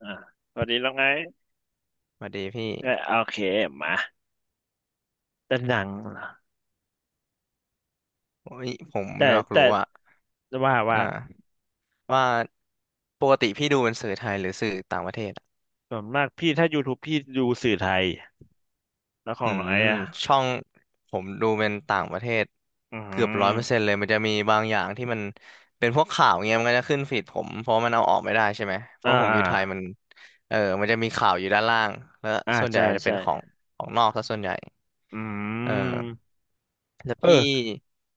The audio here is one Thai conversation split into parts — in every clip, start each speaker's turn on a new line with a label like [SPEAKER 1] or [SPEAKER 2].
[SPEAKER 1] อ่าพอดีแล้วไง
[SPEAKER 2] สวัสดีพี่
[SPEAKER 1] เออโอเคมาแต่หนังเหรอ
[SPEAKER 2] โอ้ยผม
[SPEAKER 1] แต่
[SPEAKER 2] ไม่อยาก
[SPEAKER 1] แต่
[SPEAKER 2] รู้อะ
[SPEAKER 1] ว่า
[SPEAKER 2] อ
[SPEAKER 1] ว่า
[SPEAKER 2] ่าว่าปกติพี่ดูเป็นสื่อไทยหรือสื่อต่างประเทศอะ
[SPEAKER 1] ส่วนมากพี่ถ้า YouTube พี่ดูสื่อไทยแล้วของ
[SPEAKER 2] อื
[SPEAKER 1] น้อง
[SPEAKER 2] ม
[SPEAKER 1] ไอ้อะ
[SPEAKER 2] ช่องผมดูเป็นต่างประเทศ
[SPEAKER 1] อื
[SPEAKER 2] เกือบร้อยเปอร์เซ็น
[SPEAKER 1] ม
[SPEAKER 2] ต์เลยมันจะมีบางอย่างที่มันเป็นพวกข่าวเงี้ยมันก็จะขึ้นฟีดผมเพราะมันเอาออกไม่ได้ใช่ไหมเพ
[SPEAKER 1] อ่า
[SPEAKER 2] ราะผมอ
[SPEAKER 1] อ่า
[SPEAKER 2] ยู่ไทยมันเออมันจะมีข่าวอยู่ด้านล่างแล้ว
[SPEAKER 1] อ่า
[SPEAKER 2] ส่วนใหญ่
[SPEAKER 1] ใช่
[SPEAKER 2] จะเป็นของ
[SPEAKER 1] ใช่
[SPEAKER 2] ของนอกซะส่วนใหญ่
[SPEAKER 1] อื
[SPEAKER 2] เออ
[SPEAKER 1] ม
[SPEAKER 2] แล้ว
[SPEAKER 1] เออ
[SPEAKER 2] พี่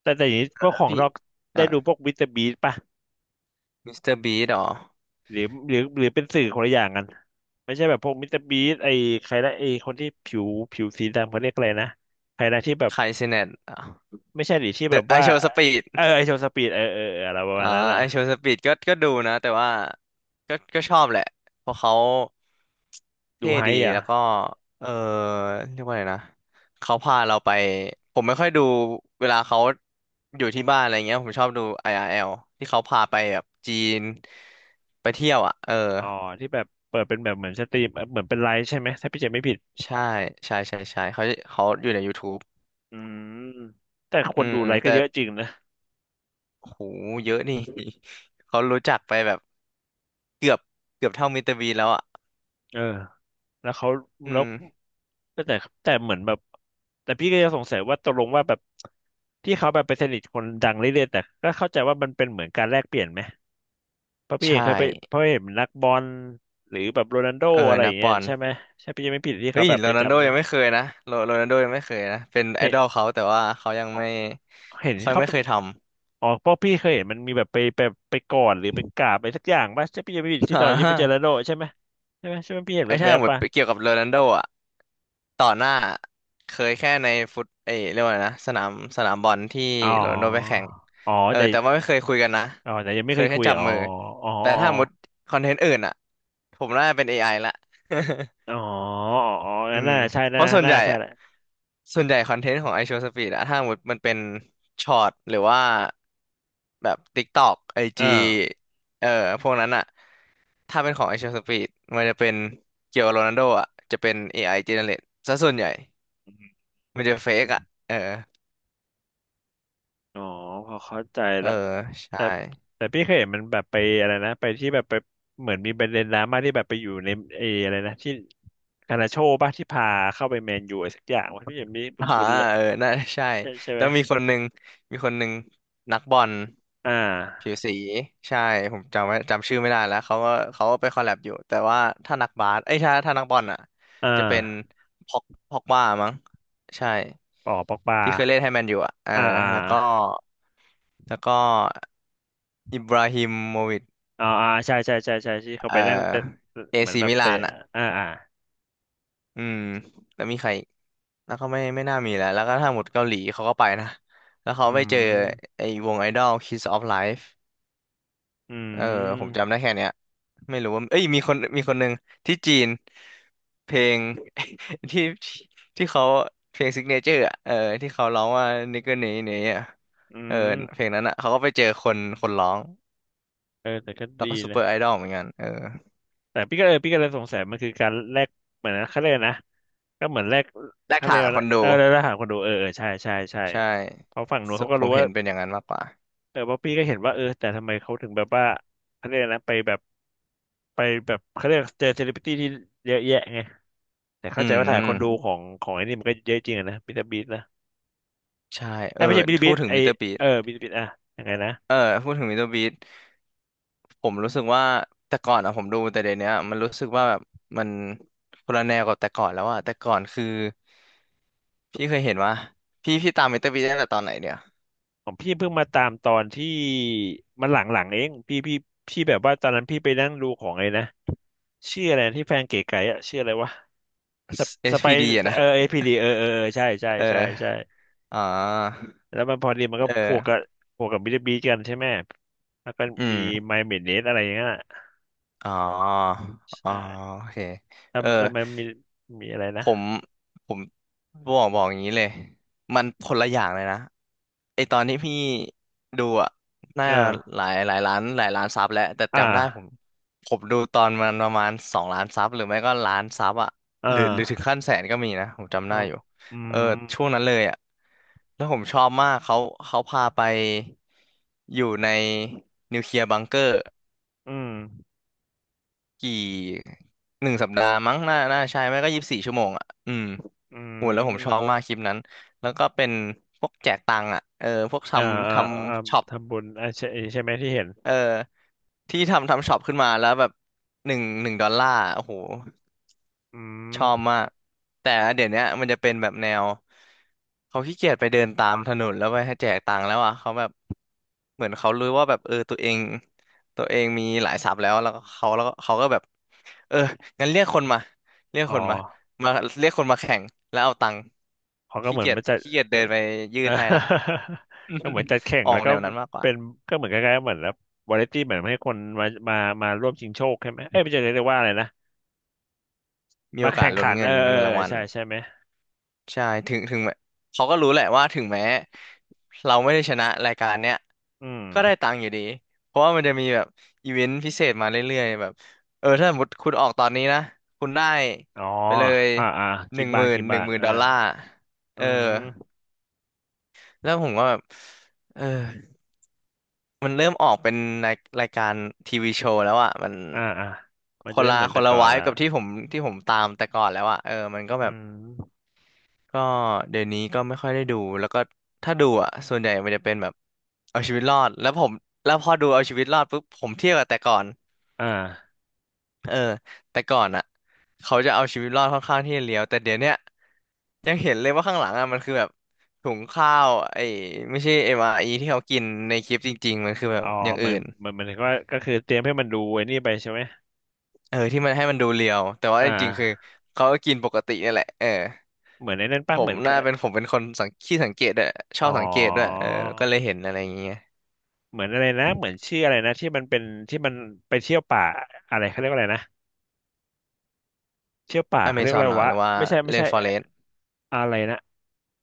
[SPEAKER 1] แต่อย่างนี้พวก
[SPEAKER 2] แล้
[SPEAKER 1] ข
[SPEAKER 2] ว
[SPEAKER 1] อง
[SPEAKER 2] พี่
[SPEAKER 1] นอก
[SPEAKER 2] อ่า
[SPEAKER 1] ได้ดูพวกมิสเตอร์บีสป่ะ
[SPEAKER 2] มิสเตอร์บีดหรอ
[SPEAKER 1] หรือหรือเป็นสื่อคนละอย่างกันไม่ใช่แบบพวกมิสเตอร์บีสไอ้ใครนะไอ้คนที่ผิวสีดำเขาเรียกอะไรนะใครนะที่แบบ
[SPEAKER 2] ไคเซเนตอ่ะ
[SPEAKER 1] ไม่ใช่หรที่
[SPEAKER 2] เด
[SPEAKER 1] แบ
[SPEAKER 2] อะ
[SPEAKER 1] บ
[SPEAKER 2] ไอ
[SPEAKER 1] ว่า
[SPEAKER 2] โชว์สปีด
[SPEAKER 1] เออไอโชว์สปีดเออเออเอออะไรประมา
[SPEAKER 2] อ่า
[SPEAKER 1] ณนั้นอ่ะ
[SPEAKER 2] ไอโชว์สปีดก็ดูนะแต่ว่าก็ชอบแหละเพราะเขา
[SPEAKER 1] ดู
[SPEAKER 2] เท่
[SPEAKER 1] ไฮ
[SPEAKER 2] ดี
[SPEAKER 1] อ่ะ
[SPEAKER 2] แล้วก็เออเรียกว่าไงนะเขาพาเราไปผมไม่ค่อยดูเวลาเขาอยู่ที่บ้านอะไรเงี้ยผมชอบดู i ออาร์แอลที่เขาพาไปแบบจีนไปเที่ยวอ่ะเออ
[SPEAKER 1] อ๋อที่แบบเปิดเป็นแบบเหมือนสตรีมเหมือนเป็นไลฟ์ใช่ไหมถ้าพี่เจไม่ผิด
[SPEAKER 2] ใช่ใช่เขาอยู่ใน YouTube
[SPEAKER 1] อืมแต่ค
[SPEAKER 2] อื
[SPEAKER 1] น
[SPEAKER 2] ม
[SPEAKER 1] ดูไลฟ์ก็
[SPEAKER 2] แต่
[SPEAKER 1] เยอะจริงนะ
[SPEAKER 2] โหเยอะนี่ เขารู้จักไปแบบเกือบเกือบเท่ามิสเตอร์บีนแล้วอ่ะ
[SPEAKER 1] เออแล้วเขา
[SPEAKER 2] อื
[SPEAKER 1] แล้ว
[SPEAKER 2] ม
[SPEAKER 1] แต่แต่เหมือนแบบแต่พี่ก็ยังสงสัยว่าตกลงว่าแบบที่เขาแบบไปสนิทคนดังเรื่อยๆแต่ก็เข้าใจว่ามันเป็นเหมือนการแลกเปลี่ยนไหมเพราะพี่เอง
[SPEAKER 2] ใช่
[SPEAKER 1] เคยไปเพราะเห็นนักบอลหรือแบบโรนัลโด
[SPEAKER 2] เออ
[SPEAKER 1] อะไรอ
[SPEAKER 2] นะ
[SPEAKER 1] ย่าง
[SPEAKER 2] ป
[SPEAKER 1] เงี้ย
[SPEAKER 2] อน
[SPEAKER 1] ใช่ไหมใช่พี่เจไม่ผิดที่
[SPEAKER 2] เฮ้
[SPEAKER 1] เขา
[SPEAKER 2] ย
[SPEAKER 1] แบบ
[SPEAKER 2] โร
[SPEAKER 1] ไป
[SPEAKER 2] นัลโด
[SPEAKER 1] จำไหม
[SPEAKER 2] ยังไม่เคยนะโรนัลโดยังไม่เคยนะเป็นไอ
[SPEAKER 1] เห็น
[SPEAKER 2] ดอลเขาแต่ว่าเขายังไม่
[SPEAKER 1] เห็น
[SPEAKER 2] ค่อย
[SPEAKER 1] เขา
[SPEAKER 2] ไม่เคยท
[SPEAKER 1] อ๋อเพราะพี่เคยเห็นมันมีแบบไปไปกอดหรือไปกราบอะไรสักอย่างป่ะใช่พี่จะไม่ผิ
[SPEAKER 2] ำ
[SPEAKER 1] ด ที่ตอนที่ไปเจอแล้วโดใช่ไหมใช่ไหมใช่ไหมพี่เห็น
[SPEAKER 2] ไอ้ถ้า
[SPEAKER 1] แวบ
[SPEAKER 2] หม
[SPEAKER 1] ๆ
[SPEAKER 2] ด
[SPEAKER 1] ป่ะ
[SPEAKER 2] เกี่ยวกับโรนัลโดอ่ะต่อหน้าเคยแค่ในฟุตเรียกว่าไงนะสนามบอลที่
[SPEAKER 1] อ๋
[SPEAKER 2] โรนัลโดไป
[SPEAKER 1] อ
[SPEAKER 2] แข่ง
[SPEAKER 1] อ๋อ
[SPEAKER 2] เออ
[SPEAKER 1] แต่
[SPEAKER 2] แต่ว่าไม่เคยคุยกันนะ
[SPEAKER 1] อ๋อแต่ยังไม่
[SPEAKER 2] เค
[SPEAKER 1] เค
[SPEAKER 2] ย
[SPEAKER 1] ย
[SPEAKER 2] แค่
[SPEAKER 1] คุย
[SPEAKER 2] จับ
[SPEAKER 1] อ๋อ
[SPEAKER 2] มือ
[SPEAKER 1] อ๋อ
[SPEAKER 2] แต่
[SPEAKER 1] อ๋
[SPEAKER 2] ถ้า
[SPEAKER 1] อ
[SPEAKER 2] หมดคอนเทนต์อื่นอ่ะผมน่าจะเป็น AI ละ
[SPEAKER 1] อ๋อ
[SPEAKER 2] อื
[SPEAKER 1] งั้น
[SPEAKER 2] ม
[SPEAKER 1] น่าใช่
[SPEAKER 2] เพ
[SPEAKER 1] น่า
[SPEAKER 2] ราะ
[SPEAKER 1] น่าใช่แหละ
[SPEAKER 2] ส่วนใหญ่คอนเทนต์ของไอโชว์สปีดอะถ้าหมดมันเป็นช็อตหรือว่าแบบ TikTok
[SPEAKER 1] อ่
[SPEAKER 2] IG
[SPEAKER 1] า
[SPEAKER 2] เอ่อพวกนั้นอะถ้าเป็นของไอโชว์สปีดมันจะเป็นเกี่ยวกับโรนัลโดอะจะเป็น AI generate ซะส่วนใหญ่
[SPEAKER 1] อม
[SPEAKER 2] มันจะเฟ
[SPEAKER 1] อื
[SPEAKER 2] ก
[SPEAKER 1] ม
[SPEAKER 2] อะเออ
[SPEAKER 1] อ๋อพอเข้าใจ
[SPEAKER 2] เออ
[SPEAKER 1] ละ
[SPEAKER 2] ใช่
[SPEAKER 1] แต่แต่พี่เคยเห็นมันแบบไปอะไรนะไปที่แบบไปเหมือนมีประเด็นดราม่าที่แบบไปอยู่ในเอออะไรนะที่คานาโชว์ป่ะที่พาเข้าไปแมนยูอะไรสักอย่างวะพี่เห็นมีค
[SPEAKER 2] อ่า
[SPEAKER 1] ุ้นๆเลย
[SPEAKER 2] เออน่าใช่
[SPEAKER 1] ใช่ใช่ไห
[SPEAKER 2] แล้
[SPEAKER 1] ม
[SPEAKER 2] วมีคนหนึ่งนักบอล
[SPEAKER 1] อ่
[SPEAKER 2] ผิว
[SPEAKER 1] า
[SPEAKER 2] สีใช่ผมจำชื่อไม่ได้แล้วเขาก็ไปคอลแลบอยู่ แต่ว่าถ้านักบาสเอ้ยถ้านักบอลอ่ะ
[SPEAKER 1] อ่
[SPEAKER 2] จะเป็น
[SPEAKER 1] า
[SPEAKER 2] พ็อกพ็อกบ้ามั้งใช่
[SPEAKER 1] ปอปอกปลา
[SPEAKER 2] ที่เคยเล่นให้แมนอยู่อ่ะเออ
[SPEAKER 1] อ่าอ่า
[SPEAKER 2] แล้วก็แล้วก็อิบราฮิโมวิช
[SPEAKER 1] อ่าอ่าใช่ใช่ใช่ใช่ใช่ที่เขา
[SPEAKER 2] เอ่อ
[SPEAKER 1] ไปนั่งเตะ
[SPEAKER 2] เอ
[SPEAKER 1] เหมือน
[SPEAKER 2] ซี
[SPEAKER 1] แบบ
[SPEAKER 2] มิลา
[SPEAKER 1] เตะ
[SPEAKER 2] นอ่ะ
[SPEAKER 1] อ่าอ่า
[SPEAKER 2] อืมแล้วมีใครอีกแล้วก็ไม่น่ามีแล้วแล้วก็ถ้าหมดเกาหลีเขาก็ไปนะแล้วเขา
[SPEAKER 1] อื
[SPEAKER 2] ไปเจอ
[SPEAKER 1] ม
[SPEAKER 2] ไอ้วงไอดอล Kiss of Life
[SPEAKER 1] อื
[SPEAKER 2] เออผม
[SPEAKER 1] ม
[SPEAKER 2] จำได้แค่เนี้ยไม่รู้ว่าเอ้ยมีคนหนึ่งที่จีนเพลง ที่เขาเพลงซิกเนเจอร์อ่ะเออที่เขาร้องว่า n i g กิ r นี้อ่ะ
[SPEAKER 1] อื
[SPEAKER 2] เออ
[SPEAKER 1] ม
[SPEAKER 2] เพลงนั้นอ่ะเขาก็ไปเจอคนร้อง
[SPEAKER 1] เออแต่ก็
[SPEAKER 2] แล้ว
[SPEAKER 1] ดี
[SPEAKER 2] ก็ซูเป
[SPEAKER 1] นะ
[SPEAKER 2] อร์ไอดอลเหมือนกันเออ
[SPEAKER 1] แต่พี่ก็เออพี่ก็เลยสงสัยมันคือการแลกเหมือนนะเขาเรียกนะก็เหมือนแลก
[SPEAKER 2] แลก
[SPEAKER 1] เขาเรี
[SPEAKER 2] ฐา
[SPEAKER 1] ย
[SPEAKER 2] น
[SPEAKER 1] กว่า
[SPEAKER 2] ค
[SPEAKER 1] นะ
[SPEAKER 2] นดู
[SPEAKER 1] เออแล้วแล้วหาคนดูเออเออใช่ใช่ใช่
[SPEAKER 2] ใช่
[SPEAKER 1] เพราะฝั่งนู้
[SPEAKER 2] ส
[SPEAKER 1] นเขาก็
[SPEAKER 2] ผ
[SPEAKER 1] รู้
[SPEAKER 2] ม
[SPEAKER 1] ว่า
[SPEAKER 2] เห็นเป็นอย่างนั้นมากกว่า
[SPEAKER 1] เออเพราะพี่ก็เห็นว่าเออแต่ทำไมเขาถึงแบบว่าเขาเรียกนะไปแบบไปแบบเขาเรียกเจอเซเลบริตี้ที่เยอะแยะไง แต่
[SPEAKER 2] อื
[SPEAKER 1] เข้าใจว่าฐานคนดูข
[SPEAKER 2] ม
[SPEAKER 1] องของไอ้นี่มันก็เยอะจริงอะนะบิตาบิตนะ
[SPEAKER 2] ใช่
[SPEAKER 1] ไอ้
[SPEAKER 2] เอ
[SPEAKER 1] ย
[SPEAKER 2] อ
[SPEAKER 1] ไม่ใช่บิตาบิ
[SPEAKER 2] พู
[SPEAKER 1] ต
[SPEAKER 2] ดถึง
[SPEAKER 1] ไอ
[SPEAKER 2] มิสเตอร์บีส
[SPEAKER 1] เออบิตาบิตอะยังไงนะ
[SPEAKER 2] เออพูดถึงมิสเตอร์บีสผมรู้สึกว่าแต่ก่อนอะผมดูแต่เดี๋ยวเนี้ยมันรู้สึกว่าแบบมันคนละแนวกับแต่ก่อนแล้วอะแต่ก่อนคือพี่เคยเห็นว่าพี่ตามมิสเตอร์บีสตั้งแต่ตอนไหนเนี่ย
[SPEAKER 1] ของพี่เพิ่งมาตามตอนที่มันหลังๆเองพี่แบบว่าตอนนั้นพี่ไปนั่งดูของไอ้นะชื่ออะไรนะที่แฟนเก๋ไก๋อะชื่ออะไรวะสป
[SPEAKER 2] SPD
[SPEAKER 1] ส
[SPEAKER 2] อช
[SPEAKER 1] ไป
[SPEAKER 2] พีดีอะนะ
[SPEAKER 1] เออเอพีดีเออเออเออใช่ใช่
[SPEAKER 2] เอ
[SPEAKER 1] ใช่ใช่
[SPEAKER 2] ออ๋อ
[SPEAKER 1] แล้วมันพอดีมันก็
[SPEAKER 2] เอ
[SPEAKER 1] พวกกับ
[SPEAKER 2] อ
[SPEAKER 1] บิตบิตกันใช่ไหมแล้วก็
[SPEAKER 2] อื
[SPEAKER 1] มี
[SPEAKER 2] ม
[SPEAKER 1] ไมเมเนสอะไรอย่างเงี้ย
[SPEAKER 2] อ๋ออ๋อ
[SPEAKER 1] ใช่
[SPEAKER 2] โอเค
[SPEAKER 1] แล้ว
[SPEAKER 2] เออ
[SPEAKER 1] แล้วมันมีมีอะไรนะ
[SPEAKER 2] ผมผมบอกอย่างนี้เลยมันคนละอย่างเลยนะไอตอนที่พี่ดูอ่ะน่า
[SPEAKER 1] เออ
[SPEAKER 2] หลายหลายล้านหลายล้านซับแล้วแต่
[SPEAKER 1] อ่า
[SPEAKER 2] จำได้ผมดูตอนมันประมาณ2 ล้านซับหรือไม่ก็ล้านซับอ่ะ
[SPEAKER 1] อ่
[SPEAKER 2] หรือถึง
[SPEAKER 1] า
[SPEAKER 2] ขั้นแสนก็มีนะผมจำได้
[SPEAKER 1] เอา
[SPEAKER 2] อยู่
[SPEAKER 1] อื
[SPEAKER 2] เออ
[SPEAKER 1] ม
[SPEAKER 2] ช่วงนั้นเลยอ่ะแล้วผมชอบมากเขาพาไปอยู่ในนิวเคลียร์บังเกอร์
[SPEAKER 1] อืม
[SPEAKER 2] กี่1 สัปดาห์มั้งน่าใช่ไม่ก็24 ชั่วโมงอ่ะอืม
[SPEAKER 1] อื
[SPEAKER 2] โหแล้วผมชอบ
[SPEAKER 1] ม
[SPEAKER 2] มากคลิปนั้นแล้วก็เป็นพวกแจกตังค์อ่ะเออพวกท
[SPEAKER 1] อ่า
[SPEAKER 2] ำท
[SPEAKER 1] อ่าอ่า
[SPEAKER 2] ำช็อป
[SPEAKER 1] ทำบุญอ่าใช่ใช่ไหมที่เห็น
[SPEAKER 2] เออที่ทำช็อปขึ้นมาแล้วแบบหนึ่งดอลลาร์โอ้โห
[SPEAKER 1] อื
[SPEAKER 2] ช
[SPEAKER 1] ม
[SPEAKER 2] อบมากแต่เดี๋ยวเนี้ยมันจะเป็นแบบแนวเขาขี้เกียจไปเดินตามถนนแล้วไปให้แจกตังค์แล้วอ่ะเขาแบบเหมือนเขารู้ว่าแบบเออตัวเองมีหลายทรัพย์แล้วแล้วก็เขาก็แบบเอองั้นเรียกคนมาเรียก
[SPEAKER 1] อ๋
[SPEAKER 2] คนมา
[SPEAKER 1] อ
[SPEAKER 2] มาเรียกคนมาแข่งแล้วเอาตังค์
[SPEAKER 1] เขาก็เหมือนมาจัด
[SPEAKER 2] ขี้เกียจเดินไปยื่
[SPEAKER 1] อ่า
[SPEAKER 2] นให้ละ
[SPEAKER 1] ก็เหมือนจัดแข่ ง
[SPEAKER 2] ออ
[SPEAKER 1] แล้
[SPEAKER 2] ก
[SPEAKER 1] ว
[SPEAKER 2] แน
[SPEAKER 1] ก็
[SPEAKER 2] วนั้นมากกว่า
[SPEAKER 1] เป็นก็เหมือนคล้ายๆเหมือนแล้ววาไรตี้เหมือนให้คนมาร่วมชิงโชคใช่ไหมเอ้ยไม่ใช่เรียกว่าอะไรนะ
[SPEAKER 2] มี
[SPEAKER 1] มา
[SPEAKER 2] โอกา
[SPEAKER 1] แข่
[SPEAKER 2] ส
[SPEAKER 1] ง
[SPEAKER 2] ลุ้
[SPEAKER 1] ขั
[SPEAKER 2] น
[SPEAKER 1] นเออเออ
[SPEAKER 2] เงิน
[SPEAKER 1] เอ
[SPEAKER 2] รา
[SPEAKER 1] อ
[SPEAKER 2] งวัล
[SPEAKER 1] ใช่ใช่ไหม
[SPEAKER 2] ใช่ถึงแม้เขาก็รู้แหละว่าถึงแม้เราไม่ได้ชนะรายการเนี้ย
[SPEAKER 1] อืม
[SPEAKER 2] ก็ได้ตังค์อยู่ดีเพราะว่ามันจะมีแบบอีเวนต์พิเศษมาเรื่อยๆแบบเออถ้าสมมติคุณออกตอนนี้นะคุณได้
[SPEAKER 1] อ๋อ
[SPEAKER 2] ไปเลย
[SPEAKER 1] อ่าอ่า
[SPEAKER 2] ห
[SPEAKER 1] กี่
[SPEAKER 2] นึ่งห
[SPEAKER 1] บาท
[SPEAKER 2] มื่น
[SPEAKER 1] กี่
[SPEAKER 2] หนึ่
[SPEAKER 1] บา
[SPEAKER 2] ง
[SPEAKER 1] ท
[SPEAKER 2] หมื่น
[SPEAKER 1] อ่า
[SPEAKER 2] ดอลลาร์เอ
[SPEAKER 1] อื
[SPEAKER 2] อ
[SPEAKER 1] ม
[SPEAKER 2] แล้วผมก็แบบเออมันเริ่มออกเป็นรายรายการทีวีโชว์แล้วอ่ะมัน
[SPEAKER 1] อ่าอ่ามัน
[SPEAKER 2] ค
[SPEAKER 1] จะ
[SPEAKER 2] น
[SPEAKER 1] ไม่
[SPEAKER 2] ละ
[SPEAKER 1] เหมือน
[SPEAKER 2] ค
[SPEAKER 1] แต่
[SPEAKER 2] นละ
[SPEAKER 1] ก่อน
[SPEAKER 2] วาย
[SPEAKER 1] ละ
[SPEAKER 2] กับที่ผมตามแต่ก่อนแล้วอ่ะเออมันก็
[SPEAKER 1] อื
[SPEAKER 2] แบบ
[SPEAKER 1] ม
[SPEAKER 2] ก็เดี๋ยวนี้ก็ไม่ค่อยได้ดูแล้วก็ถ้าดูอ่ะส่วนใหญ่มันจะเป็นแบบเอาชีวิตรอดแล้วผมแล้วพอดูเอาชีวิตรอดปุ๊บผมเทียบกับแต่ก่อน
[SPEAKER 1] อ่า
[SPEAKER 2] เออแต่ก่อนอ่ะเขาจะเอาชีวิตรอดค่อนข้างที่จะเลี้ยวแต่เดี๋ยวเนี้ยยังเห็นเลยว่าข้างหลังอ่ะมันคือแบบถุงข้าวไอ้ไม่ใช่เอ็มอาร์อีที่เขากินในคลิปจริงๆมันคือแบ
[SPEAKER 1] อ๋
[SPEAKER 2] บ
[SPEAKER 1] อ
[SPEAKER 2] อย่าง
[SPEAKER 1] เหมื
[SPEAKER 2] อื่
[SPEAKER 1] อน
[SPEAKER 2] น
[SPEAKER 1] เหมือนเหมือนก็คือเตรียมให้มันดูไอ้นี่ไปใช่ไหม
[SPEAKER 2] เออที่มันให้มันดูเรียวแต่ว่า
[SPEAKER 1] อ่า
[SPEAKER 2] จริงๆคือเขาก็กินปกตินี่แหละเออ
[SPEAKER 1] เหมือนไอ้นั่น
[SPEAKER 2] ผ
[SPEAKER 1] ป่ะเหมื
[SPEAKER 2] ม
[SPEAKER 1] อนก
[SPEAKER 2] น่า
[SPEAKER 1] บ
[SPEAKER 2] เป็นผมเป็นคนสังเกตด้วยชอ
[SPEAKER 1] อ๋อ
[SPEAKER 2] บสังเกตด้วยเออก็เลยเห็นอะไรอย่างเงี้ย
[SPEAKER 1] เหมือนอะไรนะเหมือนชื่ออะไรนะที่มันไปเที่ยวป่าอะไรเขาเรียกว่าอะไรนะเที่ยวป่า
[SPEAKER 2] อเม
[SPEAKER 1] เขาเรียก
[SPEAKER 2] ซ
[SPEAKER 1] ว่า
[SPEAKER 2] อน
[SPEAKER 1] อะไร
[SPEAKER 2] เหรอ
[SPEAKER 1] วะ
[SPEAKER 2] หรือว่า
[SPEAKER 1] ไม่ใช่ไม่
[SPEAKER 2] เร
[SPEAKER 1] ใช่
[SPEAKER 2] นฟอ
[SPEAKER 1] อ
[SPEAKER 2] เรสต์
[SPEAKER 1] อะไรนะ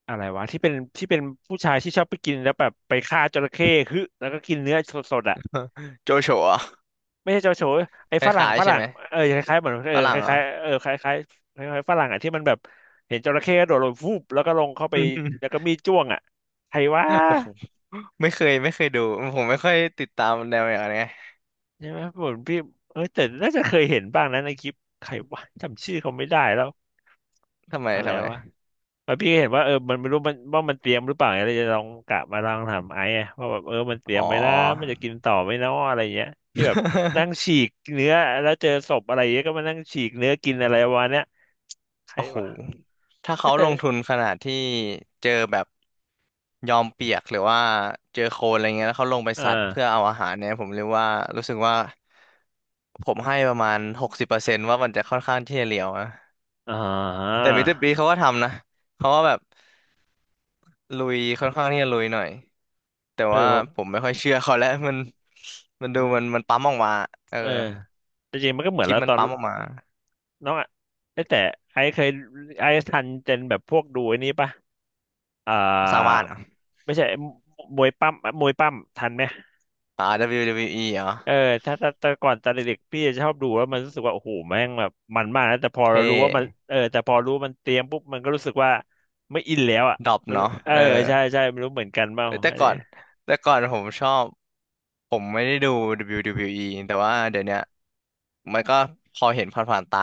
[SPEAKER 1] อะไรวะที่เป็นที่เป็นผู้ชายที่ชอบไปกินแล้วแบบไปฆ่าจระเข้ฮึแล้วก็กินเนื้อสดๆอ่ะ
[SPEAKER 2] โจโฉอ่ะ
[SPEAKER 1] ไม่ใช่เจ้าชูไอ้
[SPEAKER 2] ค
[SPEAKER 1] ฝรั่ง
[SPEAKER 2] ล้าย
[SPEAKER 1] ฝ
[SPEAKER 2] ๆใช่
[SPEAKER 1] รั่
[SPEAKER 2] ไห
[SPEAKER 1] ง
[SPEAKER 2] ม
[SPEAKER 1] เออคล้ายๆเหมือนเอ
[SPEAKER 2] ฝ
[SPEAKER 1] อค
[SPEAKER 2] รั่งเหร
[SPEAKER 1] ล้า
[SPEAKER 2] อ่ะ
[SPEAKER 1] ยๆเออคล้ายๆคล้ายๆฝรั่งอ่ะที่มันแบบเห็นจระเข้กระโดดลงฟูบแล้วก็ลงเข้าไปแล้วก็ มีดจ้วงอ่ะใครวะ
[SPEAKER 2] โอ้โหไม่เคยไม่เคยดูผมไม่ค่อยติดตามแนวอย่างนี้นไง
[SPEAKER 1] ใช่ไหมผมพี่เออแต่น่าจะเคยเห็นบ้างนะในคลิปใครวะจำชื่อเขาไม่ได้แล้ว
[SPEAKER 2] ทำไม
[SPEAKER 1] อะไร
[SPEAKER 2] ทำไม
[SPEAKER 1] วะแล้วพี่ก็เห็นว่าเออมันไม่รู้มันว่ามันเตรียมหรือเปล่าอะไรจะลองกะมาลองถามไอ้อะว่าแบบเออมันเตรีย
[SPEAKER 2] อ๋
[SPEAKER 1] ม
[SPEAKER 2] อ
[SPEAKER 1] ไหมนะมันจะกินต่อไหมเนาะอะไรเงี้ยที่แบบนั่งฉี กเนื้อแล้วเจอศพอะไรเงี้ยก็มานั่งฉีกเนื้อกินอะไรวะเนี้ยใคร
[SPEAKER 2] โอ้โห
[SPEAKER 1] วะ
[SPEAKER 2] ถ้าเขาลง ทุนขนาดที่เจอแบบยอมเปียกหรือว่าเจอโคลนอะไรเงี้ยแล้วเขาลงไป
[SPEAKER 1] อ่
[SPEAKER 2] ซัดเพื่อ
[SPEAKER 1] า
[SPEAKER 2] เอาอาหารเนี่ยผมเรียกว่ารู้สึกว่าผมให้ประมาณ60%ว่ามันจะค่อนข้างที่จะเหลียวนะ
[SPEAKER 1] อ่า
[SPEAKER 2] แต่มิสเตอร์บีเขาก็ทำนะเขาว่าแบบ ลุยค่อนข้างที่จะลุยหน่อยแต่
[SPEAKER 1] เออ
[SPEAKER 2] ว่า
[SPEAKER 1] แบบ
[SPEAKER 2] ผมไม่ค่อยเชื่อเขาแล้ว มันดูมันปั๊มออกมาเออ
[SPEAKER 1] เออแต่จริงมันก็เหมือ
[SPEAKER 2] ค
[SPEAKER 1] น
[SPEAKER 2] ลิ
[SPEAKER 1] แล้
[SPEAKER 2] ป
[SPEAKER 1] ว
[SPEAKER 2] มั
[SPEAKER 1] ต
[SPEAKER 2] น
[SPEAKER 1] อน
[SPEAKER 2] ปั๊มออกมา
[SPEAKER 1] น้องอ่ะเอ้ยแต่ไอซ์เคยไอซ์ทันเจนแบบพวกดูไอ้นี้ปะอ่า
[SPEAKER 2] สร้างบ้านเหรอ
[SPEAKER 1] ไม่ใช่ มวยปั้มมวยปั้มทันไหม
[SPEAKER 2] อ่า WWE เบิลยูดับเบิลยูอีเหร
[SPEAKER 1] เออ
[SPEAKER 2] อ
[SPEAKER 1] ถ้าแต่ก่อนตอนเด็กๆพี่จะชอบดูแล้วมันรู้สึกว่าโอ้โหแม่งแบบมันมากนะ แต่พอ
[SPEAKER 2] เท่
[SPEAKER 1] เรารู้ว่ามันเออแต่พอรู้ว่ามันเตรียมปุ๊บ มันก็รู้สึกว่าไม่อินแล้วอ่ะ
[SPEAKER 2] ดรอป
[SPEAKER 1] มน
[SPEAKER 2] เนาะ
[SPEAKER 1] เออ
[SPEAKER 2] เออ
[SPEAKER 1] ใช่ใช่ไม่รู้เหมือนกันเปล่า
[SPEAKER 2] เอ้ยแต่
[SPEAKER 1] อัน
[SPEAKER 2] ก่อ
[SPEAKER 1] เนี้ย
[SPEAKER 2] นแต่ก่อนผมชอบผมไม่ได้ดู WWE แต่ว่าเดี๋ยวเนี้ยมันก็พอเห็นผ่านๆตา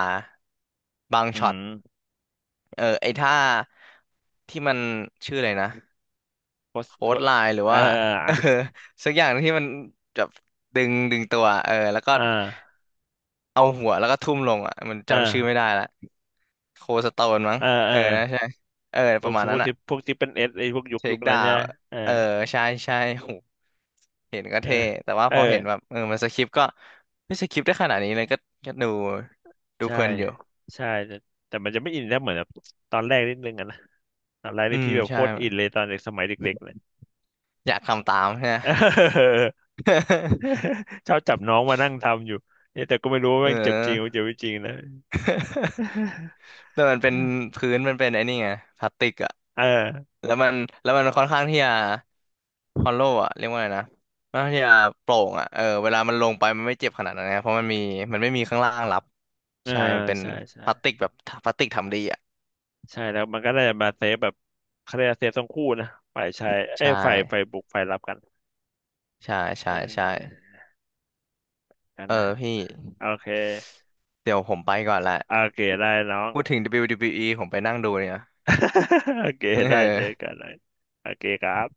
[SPEAKER 2] บาง
[SPEAKER 1] อื
[SPEAKER 2] ช็อ
[SPEAKER 1] ม
[SPEAKER 2] ตเออไอ้ท่าที่มันชื่ออะไรนะ
[SPEAKER 1] โพสต์
[SPEAKER 2] โค้ดไลน์หรือ
[SPEAKER 1] เออ
[SPEAKER 2] ว่า เอ
[SPEAKER 1] อ่ะ
[SPEAKER 2] อสักอย่างที่มันแบบดึงตัวเออแล้วก็
[SPEAKER 1] อ่า
[SPEAKER 2] เอาหัวแล้วก็ทุ่มลงอ่ะมันจำชื่อไม่
[SPEAKER 1] อ่า
[SPEAKER 2] ได้ละโคสโตนมั้ง
[SPEAKER 1] เออเอ
[SPEAKER 2] เอ
[SPEAKER 1] อ
[SPEAKER 2] อนะใช่เออ
[SPEAKER 1] เพ
[SPEAKER 2] ป
[SPEAKER 1] วก
[SPEAKER 2] ระมาณ
[SPEAKER 1] พ
[SPEAKER 2] นั้
[SPEAKER 1] วก
[SPEAKER 2] นอ่ะ
[SPEAKER 1] ที่พวกที่เป็นเอสไอพวกยุค
[SPEAKER 2] เท
[SPEAKER 1] ยุ
[SPEAKER 2] ค
[SPEAKER 1] คนั้
[SPEAKER 2] ดา
[SPEAKER 1] นใช่
[SPEAKER 2] ว
[SPEAKER 1] ไหมเออ
[SPEAKER 2] เออใช่ใช่โหเห็นก็
[SPEAKER 1] เออ
[SPEAKER 2] เท่แต่ว่า
[SPEAKER 1] เอ
[SPEAKER 2] พ
[SPEAKER 1] อ
[SPEAKER 2] อเห็นแบบเออมันสคริปต์ก็ไม่สคริปต์ได้ขนาดนี้เลยก็ก็ดูดู
[SPEAKER 1] ใช่
[SPEAKER 2] เพลินอยู่
[SPEAKER 1] ใช่แต่แต่มันจะไม่อินได้เหมือนแบบตอนแรกนิดนึงอะนะตอนแรก
[SPEAKER 2] อื
[SPEAKER 1] นี่
[SPEAKER 2] ม
[SPEAKER 1] พี่แบบโค
[SPEAKER 2] ใช่
[SPEAKER 1] ตรอินเลยตอนเด็กสมัยเด็กๆเลย
[SPEAKER 2] อยากทำตามใช่ ไหม
[SPEAKER 1] เออ ชอบจับน้องมานั่งทำอยู่เนี่ยแต่ก็ไม่รู้ว่า
[SPEAKER 2] เอ
[SPEAKER 1] แม่งเจ็บจริงหรือเจ็
[SPEAKER 2] อ
[SPEAKER 1] บไม่จริงนะ
[SPEAKER 2] แต่มันเป็น พื้นมันเป็นไอ้นี่ไงพลาสติกอะ
[SPEAKER 1] เออ
[SPEAKER 2] แล้วมันแล้วมันค่อนข้างที่จะฮอลโลว์อะเรียกว่าไงนะค่อนข้างที่จะโปร่งอะเออเวลามันลงไปมันไม่เจ็บขนาดนั้นนะเพราะมันมีมันไม่มีข้างล่างรับ
[SPEAKER 1] เออ
[SPEAKER 2] ใช่มันเป็น
[SPEAKER 1] ใช่ใช่
[SPEAKER 2] พลาสติกแบบพลาสติกทำดีอะ
[SPEAKER 1] ใช่แล้วมันก็ได้มาเซฟแบบเขาเรียกว่าเซฟทั้งคู่นะฝ่ายชายเอ้
[SPEAKER 2] ใช
[SPEAKER 1] ยฝ่าย
[SPEAKER 2] ่
[SPEAKER 1] บุกฝ่ายรับกัน
[SPEAKER 2] ใช่
[SPEAKER 1] เอ
[SPEAKER 2] ใช่ใช่
[SPEAKER 1] อกัน
[SPEAKER 2] เออ
[SPEAKER 1] นะ
[SPEAKER 2] พี่
[SPEAKER 1] โอเค
[SPEAKER 2] เดี๋ยวผมไปก่อนละ
[SPEAKER 1] โอเคได้น้อง
[SPEAKER 2] พูดถึง WWE ผมไปนั่งดูเนี่ย
[SPEAKER 1] โอเค
[SPEAKER 2] เ
[SPEAKER 1] ได้เจอ
[SPEAKER 2] อ
[SPEAKER 1] กั
[SPEAKER 2] อ
[SPEAKER 1] นนะโอเคครับ